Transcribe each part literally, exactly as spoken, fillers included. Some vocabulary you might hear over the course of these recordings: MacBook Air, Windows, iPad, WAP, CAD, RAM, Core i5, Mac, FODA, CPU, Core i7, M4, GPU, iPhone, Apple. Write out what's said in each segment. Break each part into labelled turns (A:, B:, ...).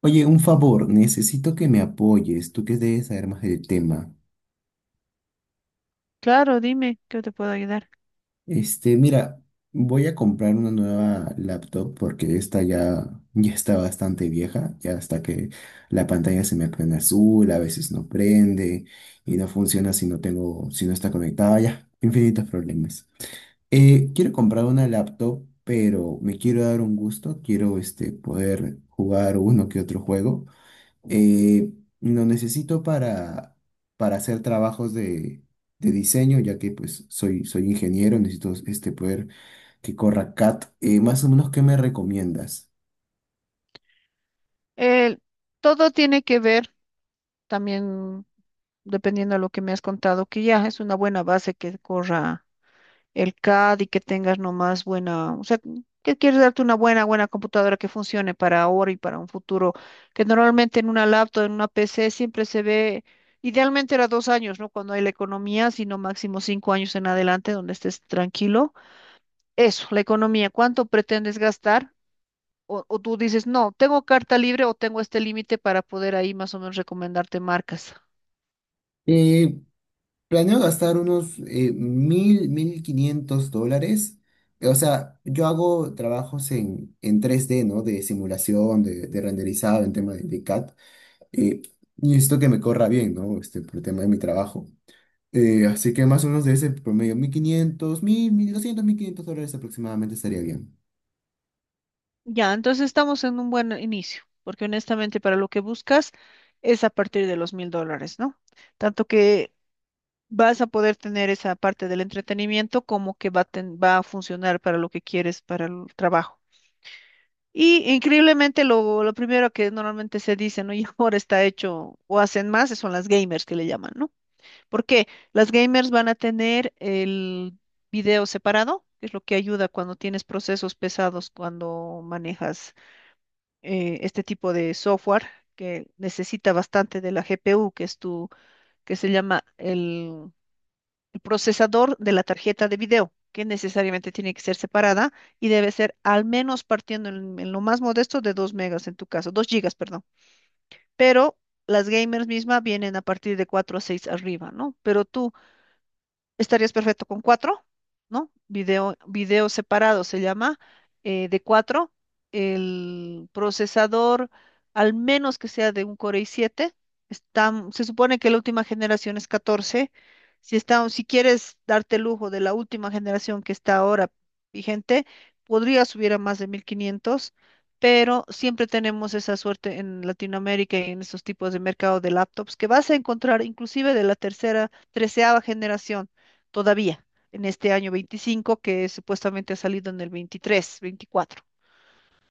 A: Oye, un favor, necesito que me apoyes, tú que debes saber más del tema.
B: Claro, dime, ¿qué te puedo ayudar?
A: Este, mira, voy a comprar una nueva laptop porque esta ya, ya está bastante vieja, ya hasta que la pantalla se me prende azul, a veces no prende y no funciona si no tengo, si no está conectada, ya, infinitos problemas. Eh, quiero comprar una laptop, pero me quiero dar un gusto, quiero este, poder jugar uno que otro juego. Eh, lo necesito para, para hacer trabajos de, de diseño, ya que pues soy, soy ingeniero, necesito este poder que corra C A D. Eh, más o menos, ¿qué me recomiendas?
B: El- Todo tiene que ver también, dependiendo de lo que me has contado, que ya es una buena base que corra el CAD y que tengas nomás buena, o sea, que quieres darte una buena, buena computadora que funcione para ahora y para un futuro, que normalmente en una laptop, en una p c siempre se ve, idealmente era dos años, ¿no? Cuando hay la economía, sino máximo cinco años en adelante donde estés tranquilo. Eso, la economía, ¿cuánto pretendes gastar? O, o tú dices, no, tengo carta libre o tengo este límite para poder ahí más o menos recomendarte marcas.
A: Eh, planeo gastar unos eh, mil, mil quinientos dólares. Eh, O sea, yo hago trabajos en, en tres d, ¿no? De simulación, de, de renderizado, en tema de, de C A D. Eh, necesito que me corra bien, ¿no? Este, por el tema de mi trabajo. Eh, así que más o menos de ese promedio, mil mil quinientos mil mil doscientos mil quinientos dólares aproximadamente estaría bien.
B: Ya, entonces estamos en un buen inicio, porque honestamente para lo que buscas es a partir de los mil dólares, ¿no? Tanto que vas a poder tener esa parte del entretenimiento como que va a, ten- va a funcionar para lo que quieres, para el trabajo. Y increíblemente lo, lo primero que normalmente se dice, ¿no? Y ahora está hecho o hacen más, son las gamers que le llaman, ¿no? Porque las gamers van a tener el video separado, que es lo que ayuda cuando tienes procesos pesados, cuando manejas eh, este tipo de software que necesita bastante de la g p u, que es tu, que se llama el, el procesador de la tarjeta de video, que necesariamente tiene que ser separada y debe ser al menos partiendo en, en lo más modesto de dos megas en tu caso, dos gigas, perdón. Pero las gamers mismas vienen a partir de cuatro a seis arriba, ¿no? Pero tú estarías perfecto con cuatro, ¿no? Video, video separado se llama, eh, de cuatro. El procesador, al menos que sea de un Core i siete, está, se supone que la última generación es catorce. Si, está, si quieres darte el lujo de la última generación que está ahora vigente, podría subir a más de mil quinientos, pero siempre tenemos esa suerte en Latinoamérica y en esos tipos de mercado de laptops que vas a encontrar inclusive de la tercera, treceava generación todavía en este año veinticinco que supuestamente ha salido en el veintitrés veinticuatro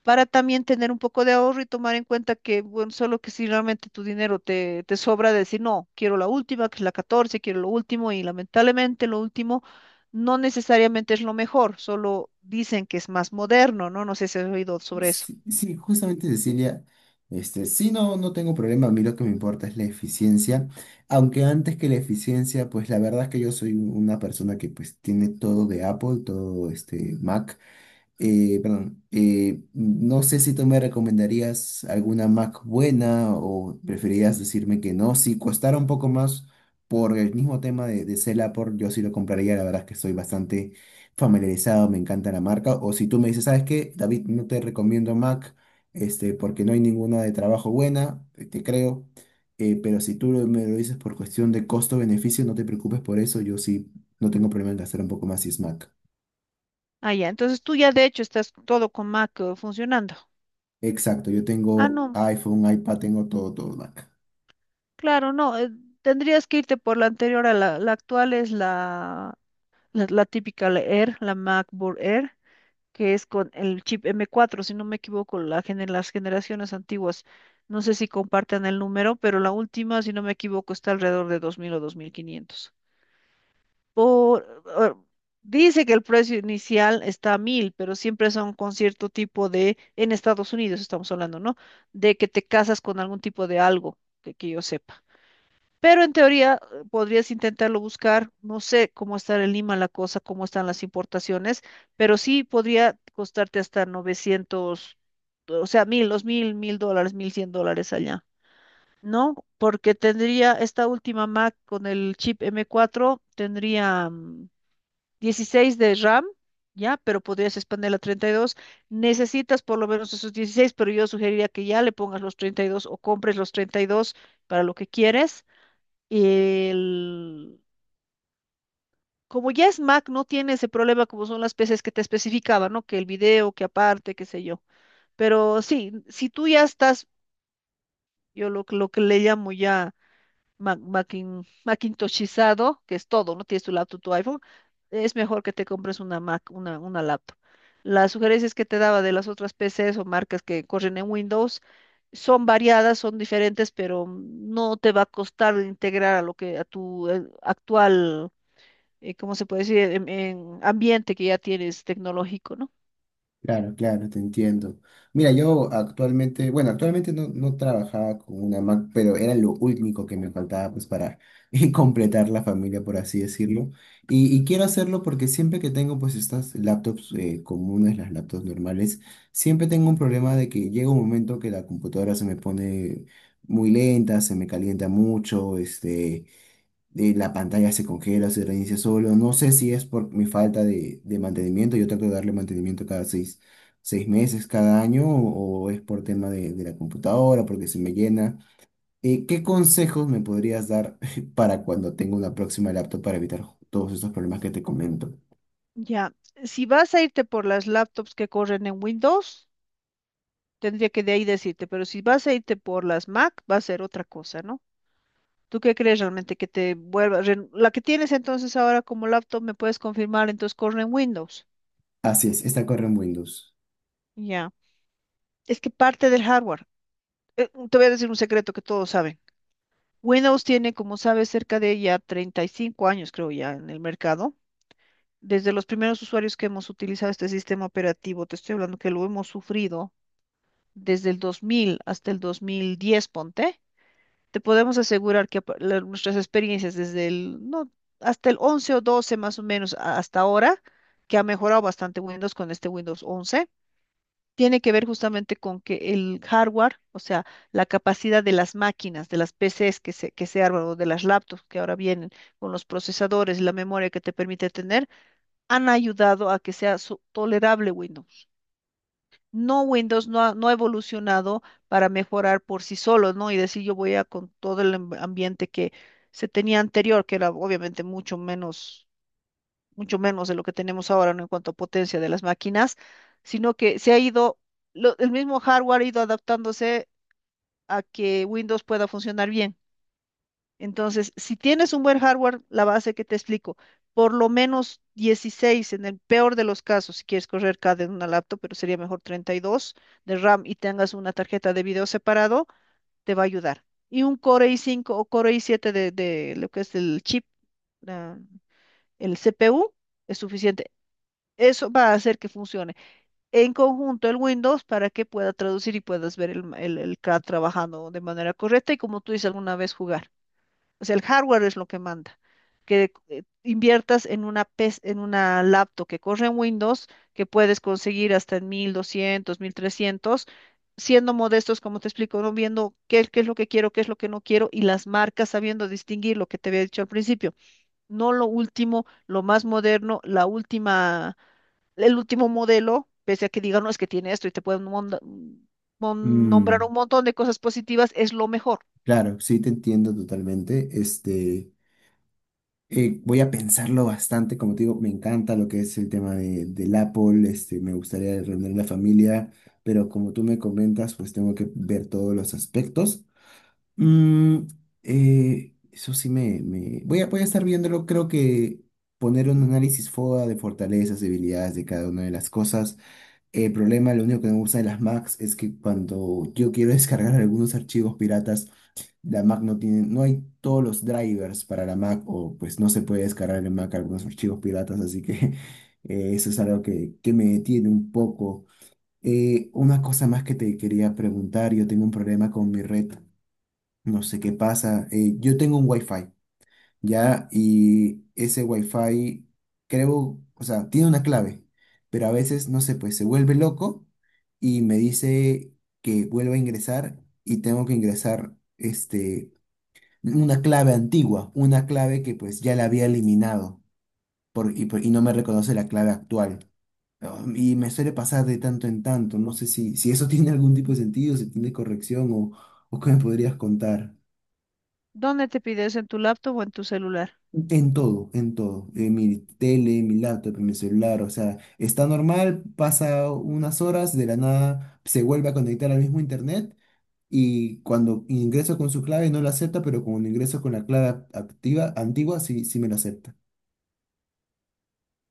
B: para también tener un poco de ahorro y tomar en cuenta que, bueno, solo que si realmente tu dinero te, te sobra, decir, no, quiero la última, que es la catorce, quiero lo último, y lamentablemente lo último no necesariamente es lo mejor, solo dicen que es más moderno, ¿no? No sé si has oído sobre eso.
A: Sí, sí, justamente Cecilia, este, sí, no, no tengo problema. A mí lo que me importa es la eficiencia, aunque antes que la eficiencia, pues la verdad es que yo soy un- una persona que pues tiene todo de Apple, todo este Mac. Eh, perdón, eh, no sé si tú me recomendarías alguna Mac buena o preferirías decirme que no. Si costara un poco más por el mismo tema de, de ser Apple, yo sí lo compraría. La verdad es que estoy bastante familiarizado, me encanta la marca. O si tú me dices, ¿sabes qué? David, no te recomiendo Mac, este, porque no hay ninguna de trabajo buena, eh, te creo. Eh, pero si tú lo- me lo dices por cuestión de costo-beneficio, no te preocupes por eso. Yo sí no tengo problema en gastar un poco más si es Mac.
B: Ah, ya, entonces tú ya de hecho estás todo con Mac eh, funcionando.
A: Exacto, yo
B: Ah,
A: tengo
B: no,
A: iPhone, iPad, tengo todo, todo Mac.
B: claro, no, eh, tendrías que irte por la anterior a la, la actual, es la la, la típica, la Air, la MacBook Air, que es con el chip m cuatro, si no me equivoco, la gener- las generaciones antiguas. No sé si compartan el número, pero la última, si no me equivoco, está alrededor de dos mil o dos mil quinientos. Por, eh, Dice que el precio inicial está a mil, pero siempre son con cierto tipo de, en Estados Unidos estamos hablando, ¿no? De que te casas con algún tipo de algo, que, que yo sepa. Pero en teoría eh, podrías intentarlo buscar, no sé cómo está en Lima la cosa, cómo están las importaciones, pero sí podría costarte hasta novecientos, o sea, mil, dos mil, mil dólares, mil cien dólares allá, ¿no? Porque tendría esta última Mac con el chip m cuatro, tendría mm, dieciséis de RAM, ya, pero podrías expandirla a treinta y dos. Necesitas por lo menos esos dieciséis, pero yo sugeriría que ya le pongas los treinta y dos o compres los treinta y dos para lo que quieres el, como ya es Mac, no tiene ese problema como son las p cs que te especificaba, ¿no? Que el video, que aparte, qué sé yo. Pero sí, si tú ya estás, yo lo, que- lo que le llamo ya Mac maquin- Macintoshizado, que es todo, ¿no? Tienes tu laptop, tu iPhone, es mejor que te compres una Mac, una, una laptop. Las sugerencias que te daba de las otras p cs o marcas que corren en Windows son variadas, son diferentes, pero no te va a costar integrar a lo que a tu eh, actual eh, ¿cómo se puede decir? En, en ambiente que ya tienes tecnológico, ¿no?
A: Claro, claro, te entiendo. Mira, yo actualmente, bueno, actualmente no, no trabajaba con una Mac, pero era lo único que me faltaba pues para completar la familia, por así decirlo. Y, y quiero hacerlo porque siempre que tengo pues estas laptops eh, comunes, las laptops normales, siempre tengo un problema de que llega un momento que la computadora se me pone muy lenta, se me calienta mucho, este... eh, la pantalla se congela, se reinicia solo. No sé si es por mi falta de, de mantenimiento. Yo trato de darle mantenimiento cada seis, seis meses, cada año, o, o es por tema de, de la computadora, porque se me llena. Eh, ¿qué consejos me podrías dar para cuando tenga una próxima laptop para evitar ju- todos estos problemas que te comento?
B: Ya, si vas a irte por las laptops que corren en Windows, tendría que de ahí decirte, pero si vas a irte por las Mac, va a ser otra cosa, ¿no? ¿Tú qué crees realmente que te vuelva? ren- La que tienes entonces ahora como laptop, ¿me puedes confirmar? Entonces corre en Windows.
A: Así es, esta corre en Windows.
B: Ya. Es que parte del hardware. Eh, te voy a decir un secreto que todos saben. Windows tiene, como sabes, cerca de ya treinta y cinco años, creo ya, en el mercado. Desde los primeros usuarios que hemos utilizado este sistema operativo, te estoy hablando que lo hemos sufrido desde el dos mil hasta el dos mil diez, ponte, te podemos asegurar que apa- la- nuestras experiencias desde el, no, hasta el once o doce más o menos a- hasta ahora, que ha mejorado bastante Windows con este Windows once, tiene que ver justamente con que el hardware, o sea, la capacidad de las máquinas, de las p cs que se, que se arman o de las laptops que ahora vienen con los procesadores y la memoria que te permite tener, han ayudado a que sea su- tolerable Windows. No, Windows no ha, no ha evolucionado para mejorar por sí solo, ¿no? Y decir yo voy a con todo el amb- ambiente que se tenía anterior, que era obviamente mucho menos, mucho menos de lo que tenemos ahora, ¿no? En cuanto a potencia de las máquinas, sino que se ha ido, lo- el mismo hardware ha ido adaptándose a que Windows pueda funcionar bien. Entonces, si tienes un buen hardware, la base que te explico, por lo menos dieciséis en el peor de los casos, si quieres correr CAD en una laptop, pero sería mejor treinta y dos de RAM y tengas una tarjeta de video separado, te va a ayudar. Y un Core i cinco o Core i siete de, de lo que es el chip, la- el c p u, es suficiente. Eso va a hacer que funcione en conjunto el Windows para que pueda traducir y puedas ver el, el, el CAD trabajando de manera correcta y como tú dices alguna vez jugar. O sea, el hardware es lo que manda. Que eh, inviertas en una, pes- en una laptop que corre en Windows, que puedes conseguir hasta en mil doscientos mil trescientos siendo modestos, como te explico, no viendo qué, qué es lo que quiero, qué es lo que no quiero, y las marcas sabiendo distinguir lo que te había dicho al principio. No lo último, lo más moderno, la última, el último modelo, pese a que digan, no, es que tiene esto y te pueden monda- mon- nombrar
A: Mm,
B: un montón de cosas positivas, es lo mejor.
A: claro, sí te entiendo totalmente. Este. Eh, voy a pensarlo bastante, como te digo, me encanta lo que es el tema de, del Apple. Este, me gustaría reunir la familia, pero como tú me comentas, pues tengo que ver todos los aspectos. Mm, eh, Eso sí me, me- Voy a, voy a estar viéndolo. Creo que poner un análisis FODA de fortalezas, debilidades de cada una de las cosas. El problema, lo único que me gusta de las Macs es que cuando yo quiero descargar algunos archivos piratas, la Mac no tiene, no hay todos los drivers para la Mac o pues no se puede descargar en Mac algunos archivos piratas, así que eh, eso es algo que, que me detiene un poco. Eh, una cosa más que te quería preguntar: yo tengo un problema con mi red, no sé qué pasa. Eh, yo tengo un Wi-Fi, ¿ya? Y ese Wi-Fi creo, o sea, tiene una clave, pero a veces, no sé, pues se vuelve loco y me dice que vuelva a ingresar y tengo que ingresar este una clave antigua, una clave que pues ya la había eliminado por, y, por- y no me reconoce la clave actual. Um, Y me suele pasar de tanto en tanto. No sé si, si eso tiene algún tipo de sentido, si tiene corrección o, o qué me podrías contar.
B: ¿Dónde te pides? ¿En tu laptop o en tu celular?
A: En todo, en todo. En mi tele, en mi laptop, en mi celular. O sea, está normal, pasa unas horas, de la nada se vuelve a conectar al mismo internet. Y cuando ingreso con su clave no la acepta, pero cuando ingreso con la clave act- activa, antigua, sí, sí me la acepta.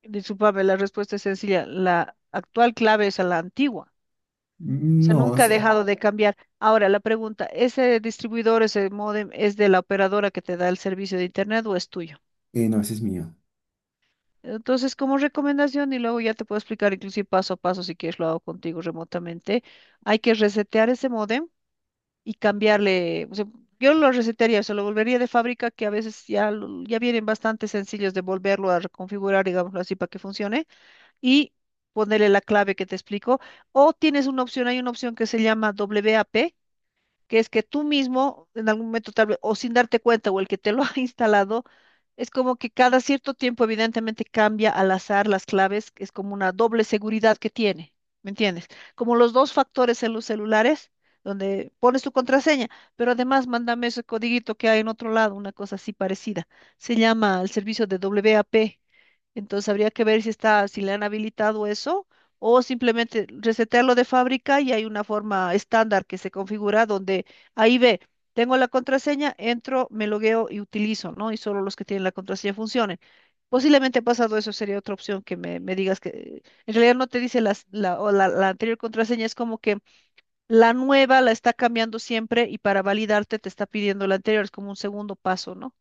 B: Discúlpame, la respuesta es sencilla. La actual clave es a la antigua. O sea,
A: No, o
B: nunca ha
A: sea,
B: dejado de cambiar. Ahora, la pregunta, ¿ese distribuidor, ese módem, es de la operadora que te da el servicio de internet o es tuyo?
A: eh, no, ese es mío.
B: Entonces, como recomendación, y luego ya te puedo explicar inclusive paso a paso, si quieres lo hago contigo remotamente, hay que resetear ese módem y cambiarle, o sea, yo lo resetearía, o sea, lo volvería de fábrica, que a veces ya, lo- ya vienen bastante sencillos de volverlo a reconfigurar, digámoslo así, para que funcione y ponerle la clave que te explico. O tienes una opción, hay una opción que se llama WAP, que es que tú mismo, en algún momento tal vez, o sin darte cuenta, o el que te lo ha instalado, es como que cada cierto tiempo, evidentemente, cambia al azar las claves, que es como una doble seguridad que tiene, ¿me entiendes? Como los dos factores en los celulares, donde pones tu contraseña, pero además mándame ese codiguito que hay en otro lado, una cosa así parecida. Se llama el servicio de WAP. Entonces habría que ver si está, si le han habilitado eso o simplemente resetearlo de fábrica y hay una forma estándar que se configura donde ahí ve, tengo la contraseña, entro, me logueo y utilizo, ¿no? Y solo los que tienen la contraseña funcionen. Posiblemente ha pasado eso, sería otra opción que me, me digas que en realidad no te dice las- la, o la, la anterior contraseña, es como que la nueva la está cambiando siempre y para validarte te está pidiendo la anterior, es como un segundo paso, ¿no?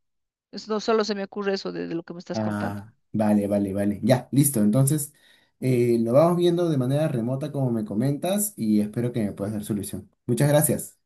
B: Es- no solo se me ocurre eso de de lo que me estás contando.
A: Ah, vale, vale, vale. Ya, listo. Entonces, eh, lo vamos viendo de manera remota como me comentas y espero que me puedas dar solución. Muchas gracias.